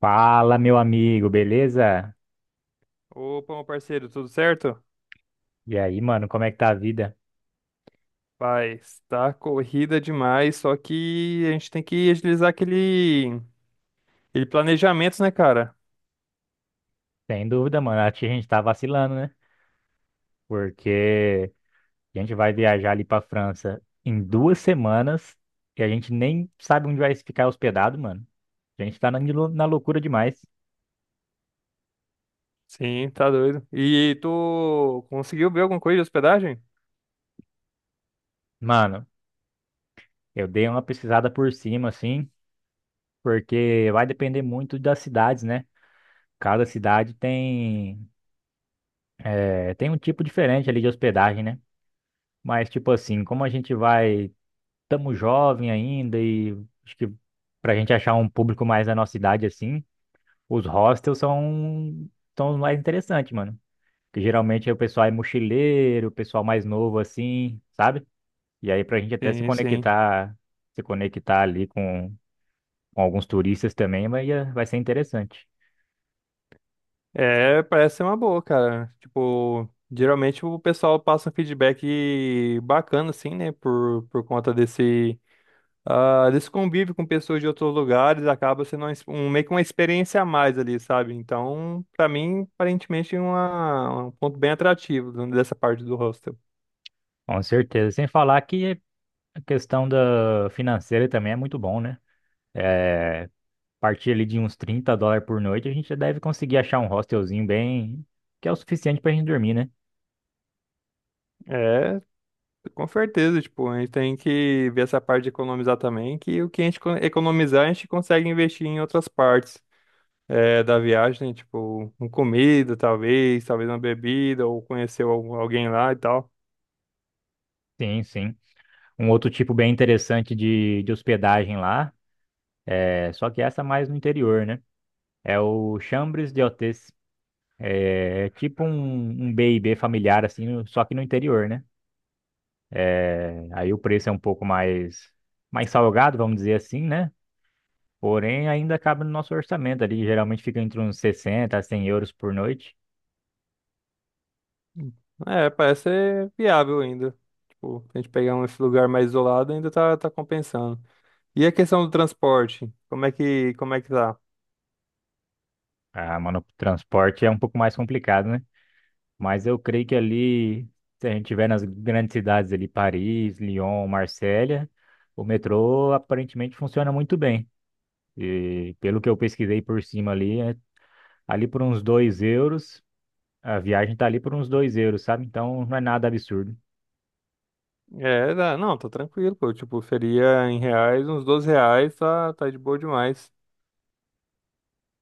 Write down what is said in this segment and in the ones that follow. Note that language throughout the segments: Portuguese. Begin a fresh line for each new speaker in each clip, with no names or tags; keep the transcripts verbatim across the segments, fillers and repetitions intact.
Fala, meu amigo, beleza?
Opa, meu parceiro, tudo certo?
E aí, mano, como é que tá a vida?
Paz, tá corrida demais, só que a gente tem que agilizar aquele, aquele planejamento, né, cara?
Sem dúvida, mano, acho que a gente tá vacilando, né? Porque a gente vai viajar ali pra França em duas semanas e a gente nem sabe onde vai ficar hospedado, mano. A gente tá na, lou- na loucura demais.
Sim, tá doido. E tu conseguiu ver alguma coisa de hospedagem?
Mano, eu dei uma pesquisada por cima, assim, porque vai depender muito das cidades, né? Cada cidade tem, eh, tem um tipo diferente ali de hospedagem, né? Mas, tipo assim, como a gente vai. Estamos jovem ainda e acho que pra gente achar um público mais da nossa idade assim, os hostels são, são os mais interessantes, mano. Porque geralmente é o pessoal é mochileiro, o pessoal mais novo assim, sabe? E aí pra gente até se
Sim, sim.
conectar, se conectar ali com, com alguns turistas também, vai, vai ser interessante.
É, parece ser uma boa, cara. Tipo, geralmente o pessoal passa um feedback bacana, assim, né, por, por conta desse. Ah, desse convívio com pessoas de outros lugares acaba sendo uma ex- um, meio que uma experiência a mais ali, sabe? Então, pra mim, aparentemente, é uma, um ponto bem atrativo dessa parte do hostel.
Com certeza. Sem falar que a questão da financeira também é muito bom, né? É, partir ali de uns trinta dólares por noite, a gente já deve conseguir achar um hostelzinho bem, que é o suficiente pra gente dormir, né?
É, com certeza, tipo, a gente tem que ver essa parte de economizar também, que o que a gente co- economizar, a gente consegue investir em outras partes é, da viagem, né? Tipo, em comida, talvez, talvez uma bebida, ou conhecer algum- alguém lá e tal.
Sim, sim. Um outro tipo bem interessante de, de hospedagem lá, é, só que essa é mais no interior, né? É o Chambres de Hôtes. É tipo um, um b e b familiar, assim, no- só que no interior, né? É, aí o preço é um pouco mais, mais salgado, vamos dizer assim, né? Porém, ainda cabe no nosso orçamento ali. Geralmente fica entre uns sessenta a cem euros por noite.
É, parece ser viável ainda. Tipo, se a gente pegar um esse lugar mais isolado, ainda tá, tá compensando. E a questão do transporte? Como é que, como é que tá?
Ah, mano, o transporte é um pouco mais complicado, né? Mas eu creio que ali, se a gente tiver nas grandes cidades ali, Paris, Lyon, Marsella, o metrô aparentemente funciona muito bem. E pelo que eu pesquisei por cima ali, é- ali por uns dois euros, a viagem tá ali por uns dois euros, sabe? Então não é nada absurdo.
É, dá- não, tá tranquilo, pô. Tipo, seria em reais, uns doze reais, tá, tá de boa demais.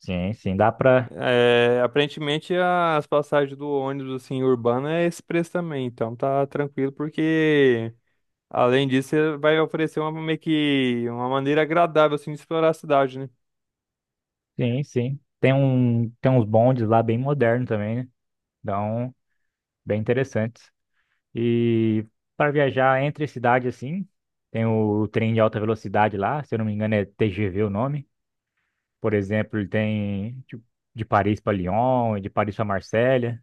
Sim, sim, dá pra.
É, aparentemente as passagens do ônibus, assim, urbano é esse preço também, então tá tranquilo, porque além disso, você vai oferecer uma, meio que uma maneira agradável, assim, de explorar a cidade, né?
Sim, sim. Tem um, tem uns bondes lá bem modernos também, né? Então, bem interessantes. E para viajar entre cidades assim, tem o trem de alta velocidade lá, se eu não me engano é T G V o nome. Por exemplo, ele tem de, de Paris para Lyon, e de Paris para Marselha.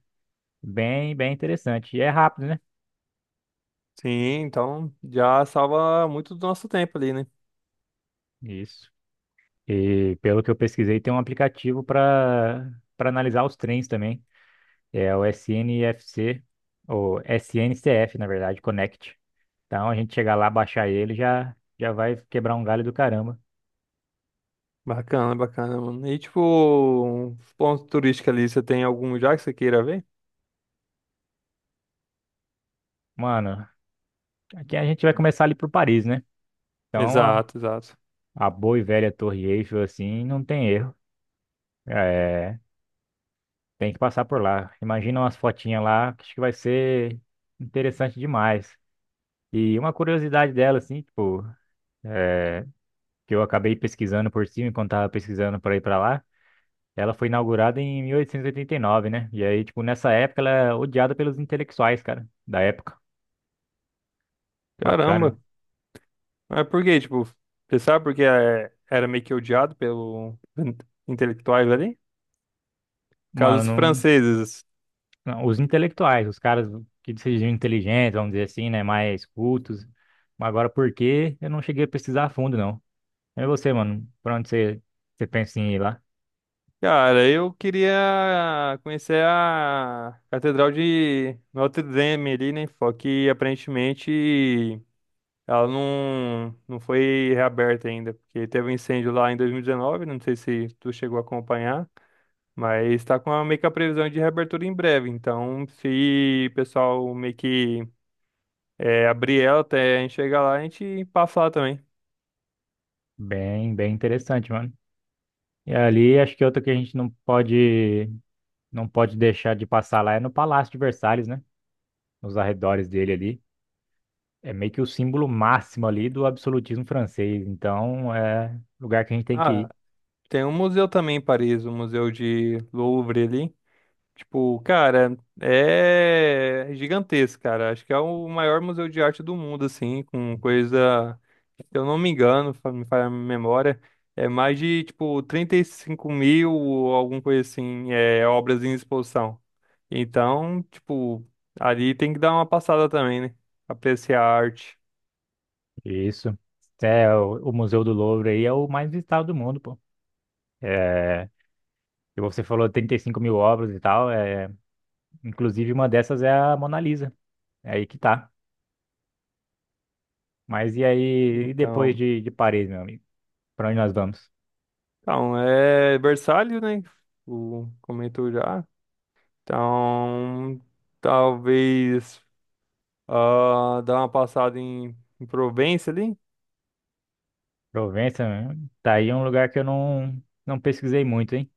Bem, bem interessante. E é rápido, né?
Sim, então já salva muito do nosso tempo ali, né?
Isso. E pelo que eu pesquisei, tem um aplicativo para para analisar os trens também. É o S N F C, ou S N C F, na verdade, Connect. Então a gente chegar lá, baixar ele, já já vai quebrar um galho do caramba.
Bacana, bacana, mano. E tipo, um ponto turístico ali, você tem algum já que você queira ver?
Mano, aqui a gente vai começar ali por Paris, né? Então a,
Exato, exato.
a boa e velha Torre Eiffel, assim, não tem erro. É, tem que passar por lá. Imagina umas fotinhas lá, que acho que vai ser interessante demais. E uma curiosidade dela, assim, tipo, é, que eu acabei pesquisando por cima enquanto tava pesquisando para ir para lá, ela foi inaugurada em mil oitocentos e oitenta e nove, né? E aí, tipo, nessa época ela é odiada pelos intelectuais, cara, da época. Bacana,
Caramba.
né?
Mas por quê? Tipo, você sabe porque é, era meio que odiado pelos intelectuais ali?
Mano,
Casos
não.
franceses.
Não, os intelectuais, os caras que se diziam inteligentes, vamos dizer assim, né? Mais cultos. Mas agora, por quê? Eu não cheguei a pesquisar a fundo, não. É você, mano. Pra onde você, você pensa em ir lá?
Cara, eu queria conhecer a Catedral de Notre Dame ali, né? Só que aparentemente ela não, não foi reaberta ainda, porque teve um incêndio lá em dois mil e dezenove, não sei se tu chegou a acompanhar, mas está com a, meio que a previsão de reabertura em breve. Então, se o pessoal meio que é, abrir ela até a gente chegar lá, a gente passa lá também.
Bem, bem interessante, mano. E ali, acho que outra que a gente não pode, não pode deixar de passar lá é no Palácio de Versalhes, né? Nos arredores dele ali. É meio que o símbolo máximo ali do absolutismo francês. Então, é lugar que a gente tem que
Ah,
ir.
tem um museu também em Paris, o Museu de Louvre ali. Tipo, cara, é gigantesco, cara. Acho que é o maior museu de arte do mundo, assim, com coisa, se eu não me engano, fa- me falha a memória, é mais de, tipo, trinta e cinco mil ou alguma coisa assim, é, obras em exposição. Então, tipo, ali tem que dar uma passada também, né? Apreciar a arte.
Isso. É, o, o Museu do Louvre aí é o mais visitado do mundo, pô. É, e você falou trinta e cinco mil obras e tal, é, inclusive uma dessas é a Mona Lisa. É aí que tá. Mas e aí, e depois
Então,
de, de Paris, meu amigo? Pra onde nós vamos?
então é versátil, né? O comentou já. Então, talvez, ah, dar uma passada em, em Provença ali.
Provença, né? Tá aí um lugar que eu não, não pesquisei muito, hein?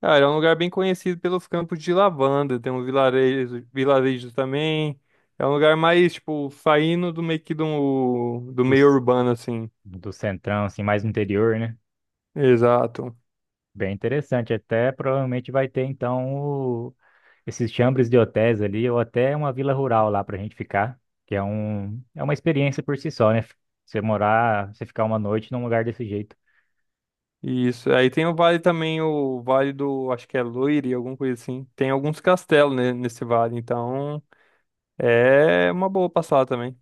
Cara, é um lugar bem conhecido pelos campos de lavanda. Tem um vilarejo, vilarejo também. É um lugar mais, tipo, saindo do meio que do, do
Do,
meio
c-
urbano, assim.
do centrão, assim, mais no interior, né?
Exato.
Bem interessante. Até provavelmente vai ter, então, o- esses chambres de hotéis ali, ou até uma vila rural lá pra gente ficar, que é um, é uma experiência por si só, né? Você morar, você ficar uma noite num lugar desse jeito.
Isso. Aí tem o vale também, o vale do, acho que é Loire, alguma coisa assim. Tem alguns castelos, né, nesse vale, então é uma boa passada também.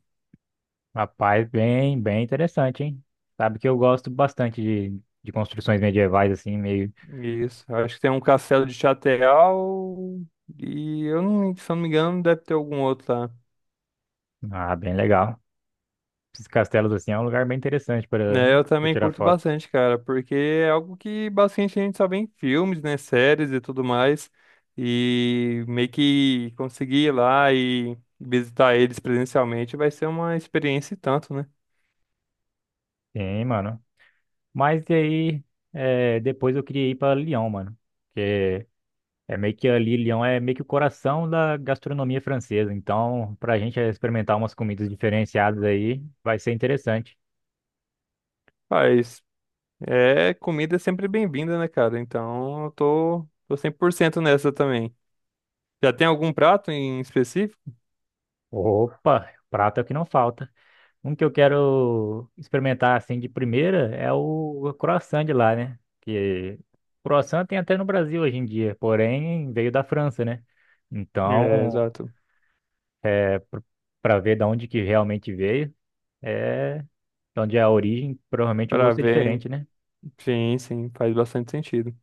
Rapaz, bem, bem interessante, hein? Sabe que eu gosto bastante de, de construções medievais, assim, meio.
Isso. Acho que tem um castelo de Chateau e eu não, se eu não me engano, deve ter algum outro lá.
Ah, bem legal. Esses castelos, assim, é um lugar bem interessante para
É, eu
para
também
tirar
curto
foto.
bastante, cara, porque é algo que bastante a gente só vê em filmes, né, séries e tudo mais, e meio que conseguir ir lá e visitar eles presencialmente vai ser uma experiência e tanto, né?
Sim, mano. Mas e aí, é, depois eu queria ir para Lyon, mano. Porque é meio que ali, Lyon é meio que o coração da gastronomia francesa. Então, pra gente experimentar umas comidas diferenciadas aí, vai ser interessante.
Mas é, comida é sempre bem-vinda, né, cara? Então eu tô, tô cem por cento nessa também. Já tem algum prato em específico?
Opa, prato é o que não falta. Um que eu quero experimentar assim de primeira é o croissant de lá, né? Que croissant tem até no Brasil hoje em dia, porém veio da França, né?
É,
Então,
exato.
é para ver da onde que realmente veio, é de onde é a origem, provavelmente o
Para
gosto é
ver,
diferente, né?
sim, sim, faz bastante sentido.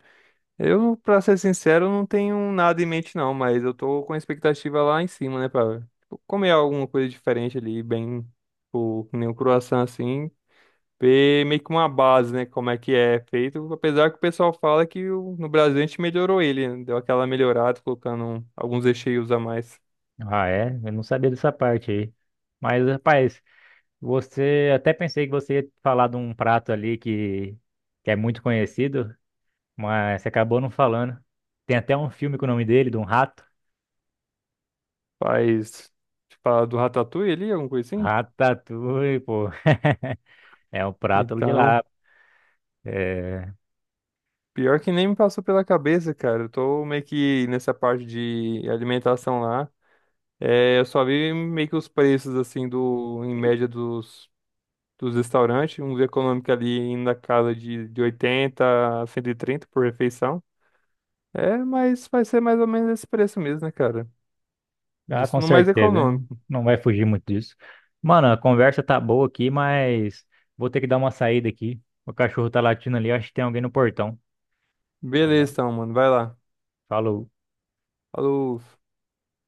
Eu, pra ser sincero, não tenho nada em mente não, mas eu tô com a expectativa lá em cima, né, pra tipo, comer alguma coisa diferente ali, bem, tipo, que nem um croissant assim, ver meio que uma base, né, como é que é feito, apesar que o pessoal fala que o- no Brasil a gente melhorou ele, né, deu aquela melhorada, colocando alguns recheios a mais,
Ah, é? Eu não sabia dessa parte aí. Mas, rapaz, você até pensei que você ia falar de um prato ali que, que é muito conhecido, mas você acabou não falando. Tem até um filme com o nome dele, de um rato.
faz, tipo, a do ratatouille ali, alguma coisa assim,
Ratatouille, pô. É um prato de
então...
lá. É...
Pior que nem me passou pela cabeça, cara. Eu tô meio que nessa parte de alimentação lá. É, eu só vi meio que os preços, assim, do, em média dos, dos restaurantes. Um econômico ali indo na casa de, de oitenta a cento e trinta por refeição. É, mas vai ser mais ou menos esse preço mesmo, né, cara?
Ah, com
Isso no mais
certeza, né?
econômico.
Não vai fugir muito disso. Mano, a conversa tá boa aqui, mas vou ter que dar uma saída aqui. O cachorro tá latindo ali, acho que tem alguém no portão.
Beleza, então, mano. Vai lá.
Falou.
Falou.